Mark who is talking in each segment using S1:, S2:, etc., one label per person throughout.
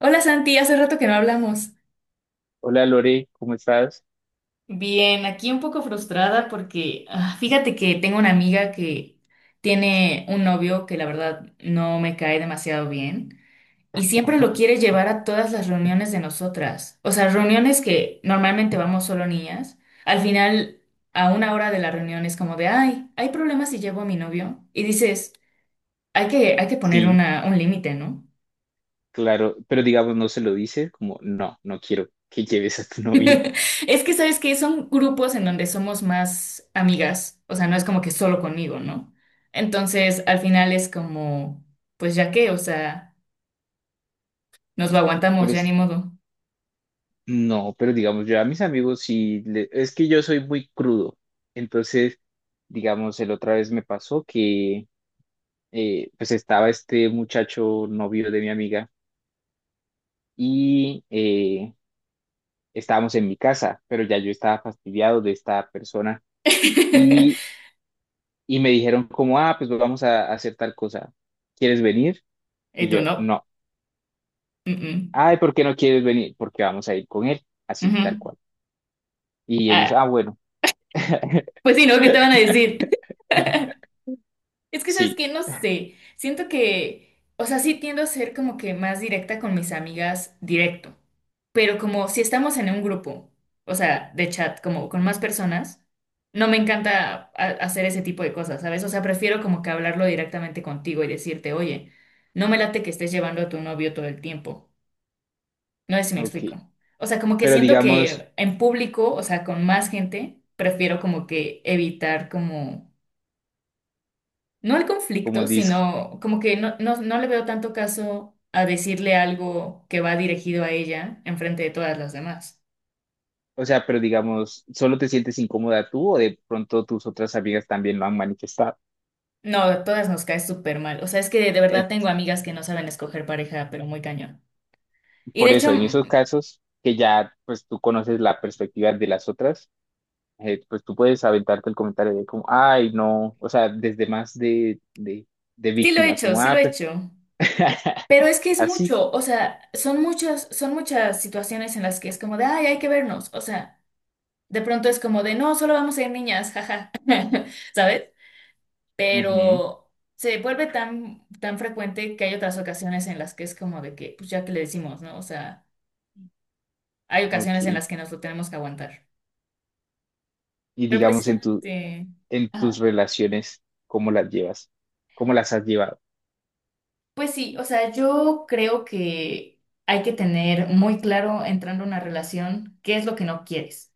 S1: Hola Santi, hace rato que no hablamos.
S2: Hola Lore, ¿cómo estás?
S1: Bien, aquí un poco frustrada porque fíjate que tengo una amiga que tiene un novio que la verdad no me cae demasiado bien y siempre lo quiere llevar a todas las reuniones de nosotras. O sea, reuniones que normalmente vamos solo niñas. Al final, a una hora de la reunión es como de, ay, hay problemas si llevo a mi novio. Y dices, hay que poner
S2: Sí,
S1: un límite, ¿no?
S2: claro, pero digamos no se lo dices, como no, no quiero que lleves a tu novio.
S1: Es que sabes que son grupos en donde somos más amigas, o sea, no es como que solo conmigo, ¿no? Entonces, al final es como, pues ya qué, o sea, nos lo
S2: Por
S1: aguantamos, ya
S2: eso,
S1: ni modo.
S2: no, pero digamos yo a mis amigos sí, es que yo soy muy crudo. Entonces, digamos, el otra vez me pasó que pues estaba este muchacho novio de mi amiga y estábamos en mi casa, pero ya yo estaba fastidiado de esta persona y, y me dijeron como, ah, pues vamos a hacer tal cosa, ¿quieres venir?
S1: ¿Y
S2: Y
S1: tú
S2: yo,
S1: no?
S2: no.
S1: Mm, mm.
S2: Ay, ¿por qué no quieres venir? Porque vamos a ir con él, así, tal
S1: Ujú.
S2: cual. Y ellos, ah,
S1: Ah,
S2: bueno.
S1: pues sí, ¿no? ¿Qué te van a decir? Es que, ¿sabes
S2: Sí,
S1: qué? No sé. Siento que, o sea, sí tiendo a ser como que más directa con mis amigas directo. Pero como si estamos en un grupo, o sea, de chat, como con más personas, no me encanta hacer ese tipo de cosas, ¿sabes? O sea, prefiero como que hablarlo directamente contigo y decirte, oye, no me late que estés llevando a tu novio todo el tiempo. No sé si me
S2: ok.
S1: explico. O sea, como que
S2: Pero
S1: siento
S2: digamos,
S1: que en público, o sea, con más gente, prefiero como que evitar como no al
S2: como
S1: conflicto,
S2: dis,
S1: sino como que no, no, no le veo tanto caso a decirle algo que va dirigido a ella en frente de todas las demás.
S2: o sea, pero digamos, ¿solo te sientes incómoda tú o de pronto tus otras amigas también lo han manifestado?
S1: No, a todas nos cae súper mal. O sea, es que de verdad
S2: Eh,
S1: tengo amigas que no saben escoger pareja, pero muy cañón. Y de
S2: por eso,
S1: hecho,
S2: en esos casos que ya, pues tú conoces la perspectiva de las otras, pues tú puedes aventarte el comentario de como, ay, no, o sea, desde más de
S1: sí lo he
S2: víctima,
S1: hecho,
S2: como,
S1: sí lo
S2: ah,
S1: he
S2: pues,
S1: hecho. Pero es que es
S2: así.
S1: mucho, o sea, son muchas situaciones en las que es como de, ay, hay que vernos. O sea, de pronto es como de, no, solo vamos a ir niñas, jaja, ¿sabes?
S2: Ujú,
S1: Pero se vuelve tan, tan frecuente que hay otras ocasiones en las que es como de que, pues ya que le decimos, ¿no? O sea, hay ocasiones en
S2: ok.
S1: las que nos lo tenemos que aguantar.
S2: Y
S1: Pero
S2: digamos en
S1: precisamente,
S2: en tus
S1: ajá.
S2: relaciones, ¿cómo las llevas? ¿Cómo las has llevado?
S1: Pues sí, o sea, yo creo que hay que tener muy claro entrando a una relación qué es lo que no quieres.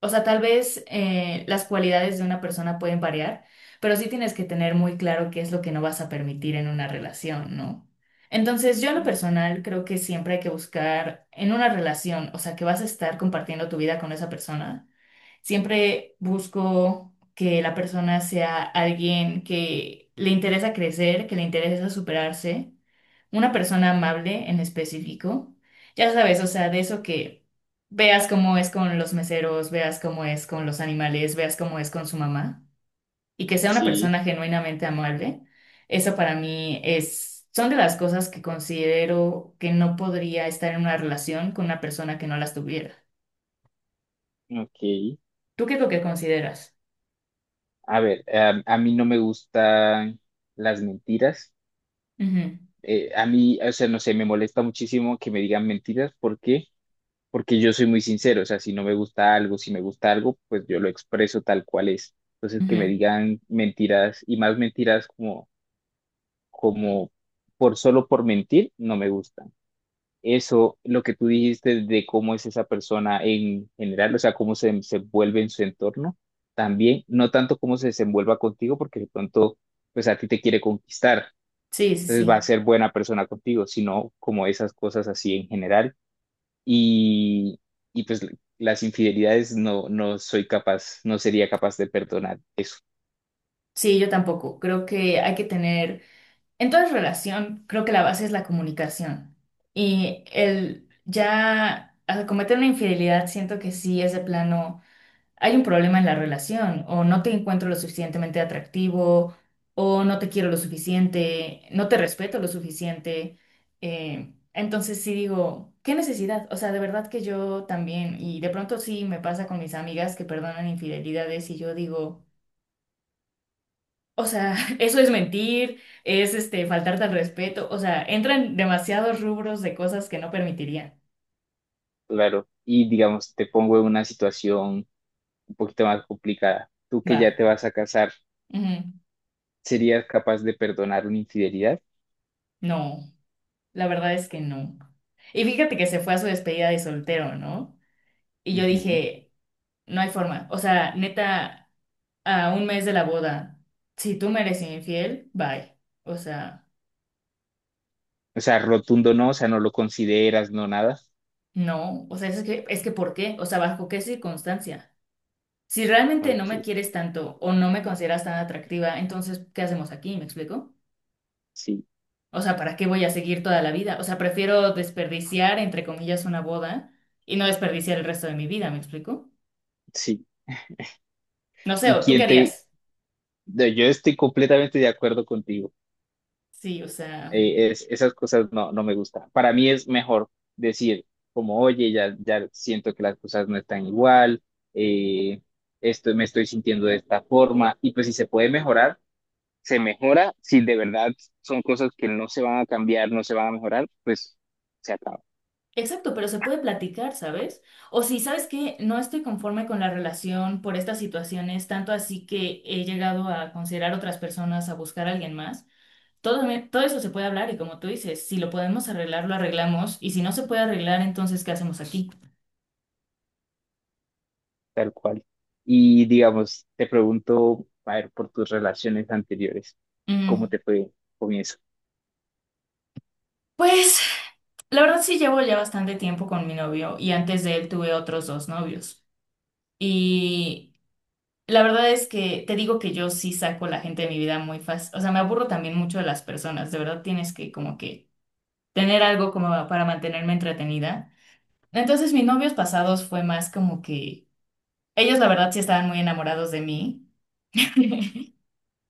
S1: O sea, tal vez las cualidades de una persona pueden variar, pero sí tienes que tener muy claro qué es lo que no vas a permitir en una relación, ¿no? Entonces, yo en lo personal creo que siempre hay que buscar en una relación, o sea, que vas a estar compartiendo tu vida con esa persona. Siempre busco que la persona sea alguien que le interesa crecer, que le interesa superarse, una persona amable en específico. Ya sabes, o sea, de eso que veas cómo es con los meseros, veas cómo es con los animales, veas cómo es con su mamá y que sea una
S2: Sí,
S1: persona genuinamente amable. Eso para mí es, son de las cosas que considero que no podría estar en una relación con una persona que no las tuviera.
S2: ok.
S1: ¿Tú qué es lo que consideras?
S2: A ver, a mí no me gustan las mentiras.
S1: Ujú,
S2: A mí, o sea, no sé, me molesta muchísimo que me digan mentiras. ¿Por qué? Porque yo soy muy sincero. O sea, si no me gusta algo, si me gusta algo, pues yo lo expreso tal cual es. Entonces, que me
S1: ujú.
S2: digan mentiras y más mentiras como por solo por mentir, no me gusta. Eso, lo que tú dijiste de cómo es esa persona en general, o sea, cómo se vuelve en su entorno, también, no tanto cómo se desenvuelva contigo, porque de pronto, pues a ti te quiere conquistar,
S1: Sí, sí,
S2: entonces va a
S1: sí.
S2: ser buena persona contigo, sino como esas cosas así en general. Y, y pues las infidelidades no, no soy capaz, no sería capaz de perdonar eso,
S1: Sí, yo tampoco. Creo que hay que tener. En toda relación, creo que la base es la comunicación. Y el ya al cometer una infidelidad, siento que sí es de plano, hay un problema en la relación, o no te encuentro lo suficientemente atractivo, o no te quiero lo suficiente, no te respeto lo suficiente. Entonces sí digo, ¿qué necesidad? O sea, de verdad que yo también, y de pronto sí me pasa con mis amigas que perdonan infidelidades y yo digo... O sea, eso es mentir, es este faltarte al respeto, o sea, entran demasiados rubros de cosas que no permitiría.
S2: claro. Y digamos, te pongo en una situación un poquito más complicada. Tú que ya
S1: Va.
S2: te vas a casar,
S1: Ujú.
S2: ¿serías capaz de perdonar una infidelidad?
S1: No, la verdad es que no. Y fíjate que se fue a su despedida de soltero, ¿no? Y yo
S2: Ujú.
S1: dije, no hay forma. O sea, neta, a un mes de la boda, si tú me eres infiel, bye. O sea,
S2: O sea, rotundo no, o sea, no lo consideras, no nada.
S1: no. O sea, es que ¿por qué? O sea, ¿bajo qué circunstancia? Si realmente no
S2: Ok,
S1: me quieres tanto o no me consideras tan atractiva, entonces, ¿qué hacemos aquí? ¿Me explico?
S2: sí,
S1: O sea, ¿para qué voy a seguir toda la vida? O sea, prefiero desperdiciar, entre comillas, una boda y no desperdiciar el resto de mi vida, ¿me explico?
S2: sí.
S1: No sé,
S2: ¿Y
S1: ¿o tú qué
S2: quién te...?
S1: harías?
S2: No, yo estoy completamente de acuerdo contigo.
S1: Sí, o sea,
S2: Esas cosas no, no me gustan. Para mí es mejor decir como, oye, ya, ya siento que las cosas no están igual, eh, esto, me estoy sintiendo de esta forma. Y pues si se puede mejorar, se mejora. Si de verdad son cosas que no se van a cambiar, no se van a mejorar, pues se acaba.
S1: exacto, pero se puede platicar, ¿sabes? O si, ¿sabes que no estoy conforme con la relación por estas situaciones, tanto así que he llegado a considerar otras personas, a buscar a alguien más? Todo, todo eso se puede hablar y como tú dices, si lo podemos arreglar, lo arreglamos y si no se puede arreglar, entonces, ¿qué hacemos aquí?
S2: Tal cual. Y digamos, te pregunto, a ver, por tus relaciones anteriores, ¿cómo
S1: Mm,
S2: te fue con eso?
S1: Pues... La verdad sí llevo ya bastante tiempo con mi novio y antes de él tuve otros dos novios. Y la verdad es que te digo que yo sí saco la gente de mi vida muy fácil. O sea, me aburro también mucho de las personas. De verdad tienes que como que tener algo como para mantenerme entretenida. Entonces mis novios pasados fue más como que ellos la verdad sí estaban muy enamorados de mí.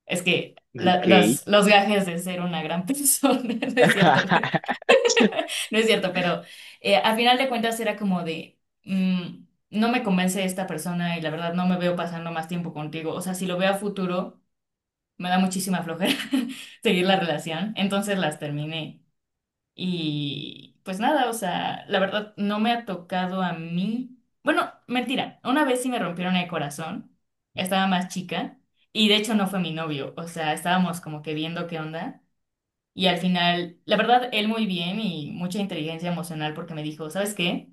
S1: Es que la-
S2: Ok.
S1: los, los gajes de ser una gran persona, no es cierto. No es cierto, pero al final de cuentas era como de, no me convence esta persona y la verdad no me veo pasando más tiempo contigo. O sea, si lo veo a futuro, me da muchísima flojera seguir la relación. Entonces las terminé. Y pues nada, o sea, la verdad no me ha tocado a mí. Bueno, mentira, una vez sí me rompieron el corazón. Estaba más chica y de hecho no fue mi novio. O sea, estábamos como que viendo qué onda. Y al final, la verdad, él muy bien y mucha inteligencia emocional porque me dijo, ¿sabes qué?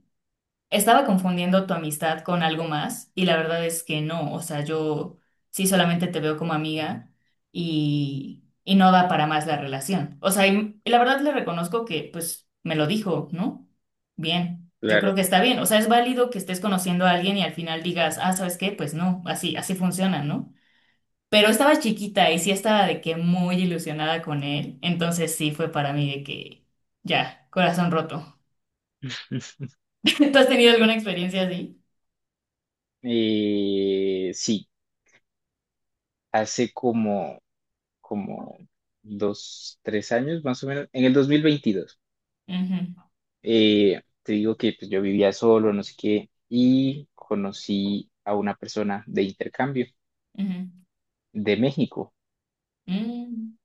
S1: Estaba confundiendo tu amistad con algo más y la verdad es que no, o sea, yo sí solamente te veo como amiga y no da para más la relación. O sea, y la verdad le reconozco que pues me lo dijo, ¿no? Bien, yo creo
S2: Claro.
S1: que está bien, o sea, es válido que estés conociendo a alguien y al final digas, ah, ¿sabes qué? Pues no, así, así funciona, ¿no? Pero estaba chiquita y sí estaba de que muy ilusionada con él. Entonces sí fue para mí de que ya, corazón roto. ¿Tú has tenido alguna experiencia así?
S2: Sí, hace como dos, tres años más o menos, en el 2022.
S1: Ujú,
S2: Te digo que pues, yo vivía solo, no sé qué, y conocí a una persona de intercambio
S1: ujú,
S2: de México.
S1: mm,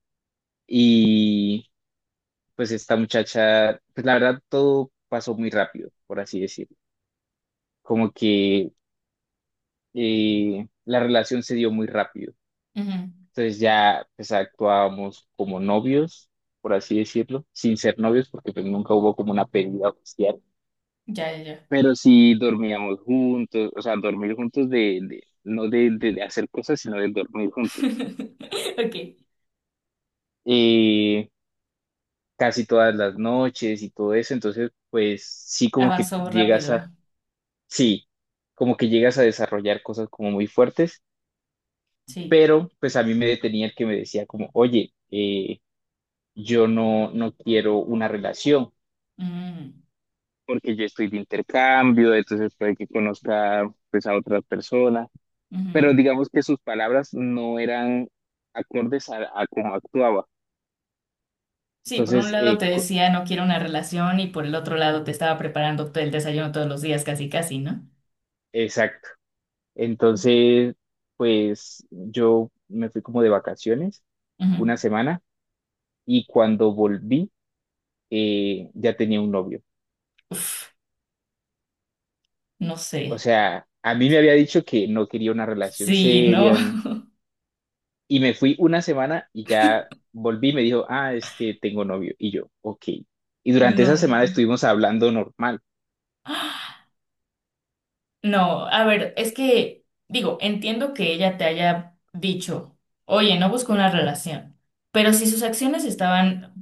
S2: Y pues esta muchacha, pues la verdad todo pasó muy rápido, por así decirlo. Como que la relación se dio muy rápido.
S1: ujú.
S2: Entonces ya pues actuábamos como novios, por así decirlo, sin ser novios porque pues nunca hubo como una pérdida oficial,
S1: Ya, ya, ya.
S2: pero sí dormíamos juntos, o sea, dormir juntos de no de hacer cosas, sino de dormir juntos.
S1: Ok,
S2: Eh, casi todas las noches y todo eso, entonces pues sí como que
S1: avanzó
S2: llegas
S1: rápido.
S2: a sí, como que llegas a desarrollar cosas como muy fuertes,
S1: Sí.
S2: pero pues a mí me detenía el que me decía como, oye, yo no, no quiero una relación
S1: Mm,
S2: porque yo estoy de intercambio, entonces puede que conozca pues a otras personas,
S1: ujú.
S2: pero digamos que sus palabras no eran acordes a cómo actuaba.
S1: Sí, por un
S2: Entonces,
S1: lado te decía no quiero una relación y por el otro lado te estaba preparando el desayuno todos los días, casi, casi, ¿no?
S2: exacto. Entonces, pues yo me fui como de vacaciones
S1: Ujú.
S2: una semana y cuando volví, ya tenía un novio.
S1: Uf, no
S2: O
S1: sé.
S2: sea, a mí me había dicho que no quería una relación
S1: Sí, no,
S2: seria, mm, y me fui una semana y ya volví y me dijo, ah, es que tengo novio. Y yo, ok. Y durante esa
S1: no.
S2: semana estuvimos hablando normal,
S1: No, a ver, es que, digo, entiendo que ella te haya dicho, oye, no busco una relación, pero si sus acciones estaban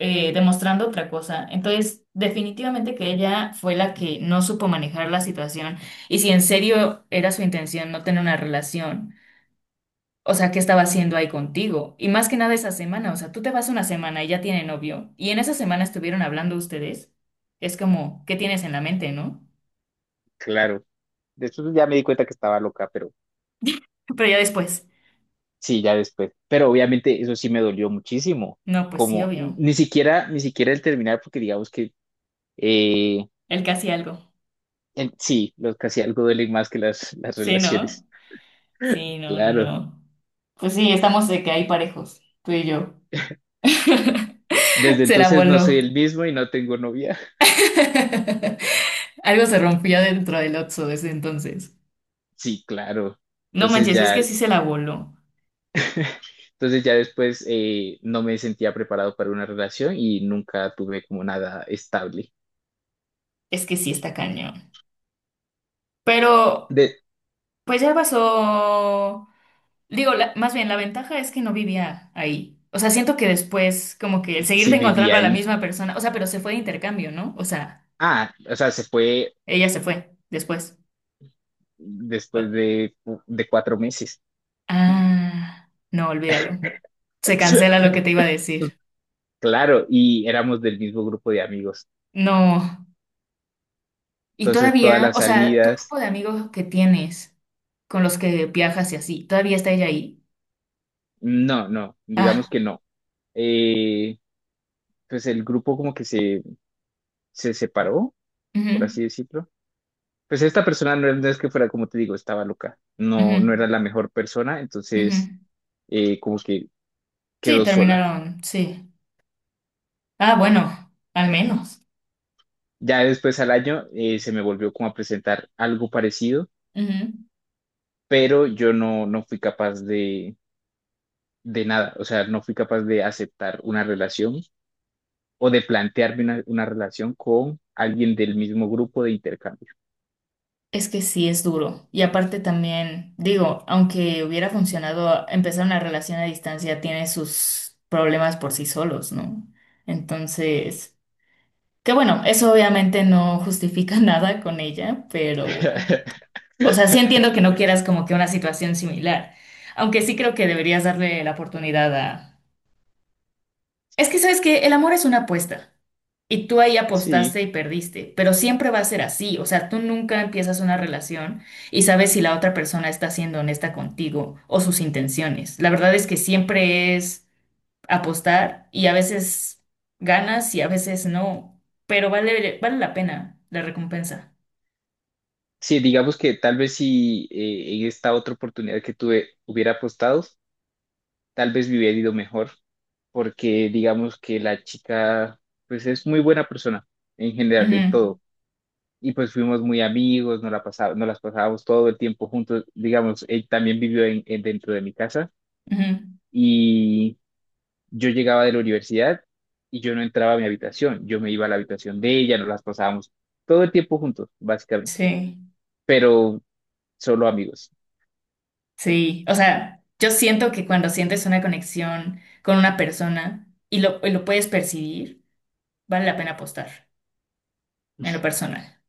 S1: demostrando otra cosa, entonces definitivamente que ella fue la que no supo manejar la situación y si en serio era su intención no tener una relación, o sea, ¿qué estaba haciendo ahí contigo? Y más que nada esa semana, o sea, tú te vas una semana y ya tiene novio, y en esa semana estuvieron hablando ustedes, es como, ¿qué tienes en la mente, no?
S2: claro. Después ya me di cuenta que estaba loca, pero
S1: Pero ya después,
S2: sí, ya después. Pero obviamente eso sí me dolió muchísimo.
S1: no, pues sí,
S2: Como
S1: obvio.
S2: ni siquiera, ni siquiera el terminar, porque digamos que eh,
S1: Él casi algo.
S2: sí, los casi algo duelen más que las
S1: Sí, ¿no?
S2: relaciones.
S1: Sí, no, no,
S2: Claro.
S1: no. Pues sí, estamos de que hay parejos, tú y yo.
S2: Desde
S1: Se la
S2: entonces no soy
S1: voló.
S2: el mismo y no tengo novia.
S1: Algo se rompió dentro del Otso desde entonces.
S2: Sí, claro.
S1: No
S2: Entonces
S1: manches, es
S2: ya,
S1: que sí se la voló.
S2: entonces ya después no me sentía preparado para una relación y nunca tuve como nada estable.
S1: Es que sí está cañón. Pero,
S2: De,
S1: pues ya pasó. Digo, más bien, la ventaja es que no vivía ahí. O sea, siento que después, como que el
S2: sí
S1: seguirte
S2: viví
S1: encontrando a la
S2: ahí.
S1: misma persona. O sea, pero se fue de intercambio, ¿no? O sea,
S2: Ah, o sea, se fue
S1: ella se fue después.
S2: después de cuatro meses.
S1: Ah, no, olvídalo. Se cancela lo que te iba a decir.
S2: Claro, y éramos del mismo grupo de amigos.
S1: No. Y
S2: Entonces todas
S1: todavía,
S2: las
S1: o sea, tu
S2: salidas,
S1: grupo de amigos que tienes, con los que viajas y así, ¿todavía está ella ahí?
S2: no, no, digamos
S1: Ah,
S2: que no. Eh, pues el grupo como que se separó, por
S1: ujú,
S2: así decirlo. Pues esta persona no es que fuera, como te digo, estaba loca, no, no era
S1: ujú,
S2: la mejor persona,
S1: ujú.
S2: entonces como que
S1: Sí,
S2: quedó sola.
S1: terminaron, sí. Ah, bueno, al menos.
S2: Ya después al año se me volvió como a presentar algo parecido,
S1: Ujú.
S2: pero yo no, no fui capaz de nada, o sea, no fui capaz de aceptar una relación o de plantearme una relación con alguien del mismo grupo de intercambio.
S1: Es que sí es duro. Y aparte también, digo, aunque hubiera funcionado, empezar una relación a distancia tiene sus problemas por sí solos, ¿no? Entonces... Que bueno, eso obviamente no justifica nada con ella, pero, o sea, sí entiendo que no quieras como que una situación similar, aunque sí creo que deberías darle la oportunidad a... Es que sabes que el amor es una apuesta y tú ahí
S2: Sí,
S1: apostaste y perdiste, pero siempre va a ser así, o sea, tú nunca empiezas una relación y sabes si la otra persona está siendo honesta contigo o sus intenciones. La verdad es que siempre es apostar y a veces ganas y a veces no, pero vale, vale la pena la recompensa.
S2: sí, digamos que tal vez si en esta otra oportunidad que tuve hubiera apostado, tal vez me hubiera ido mejor, porque digamos que la chica, pues es muy buena persona en general, en
S1: Ujú,
S2: todo. Y pues fuimos muy amigos, nos las pasábamos todo el tiempo juntos. Digamos, él también vivió dentro de mi casa
S1: ujú.
S2: y yo llegaba de la universidad y yo no entraba a mi habitación, yo me iba a la habitación de ella, nos las pasábamos todo el tiempo juntos, básicamente,
S1: Sí,
S2: pero solo amigos.
S1: sí. O sea, yo siento que cuando sientes una conexión con una persona y lo puedes percibir, vale la pena apostar en lo personal.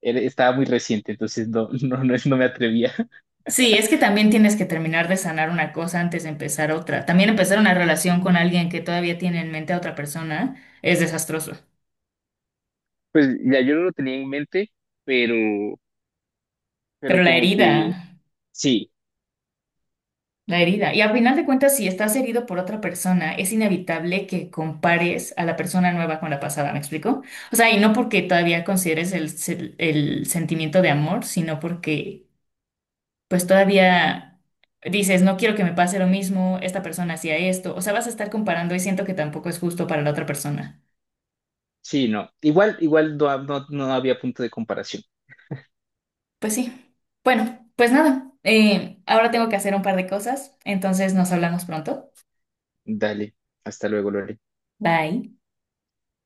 S2: Él estaba muy reciente, entonces no, no, no, no me atrevía.
S1: Sí, es que también tienes que terminar de sanar una cosa antes de empezar otra. También empezar una relación con alguien que todavía tiene en mente a otra persona es desastroso.
S2: Pues ya yo no lo tenía en mente, pero pero
S1: Pero la
S2: como que
S1: herida,
S2: sí,
S1: la herida. Y al final de cuentas, si estás herido por otra persona, es inevitable que compares a la persona nueva con la pasada, ¿me explico? O sea, y no porque todavía consideres el sentimiento de amor, sino porque pues todavía dices, no quiero que me pase lo mismo, esta persona hacía esto, o sea, vas a estar comparando y siento que tampoco es justo para la otra persona.
S2: sí, no. Igual, igual no, no, no había punto de comparación.
S1: Pues sí. Bueno, pues nada, ahora tengo que hacer un par de cosas, entonces nos hablamos pronto.
S2: Dale, hasta luego, Lore.
S1: Bye.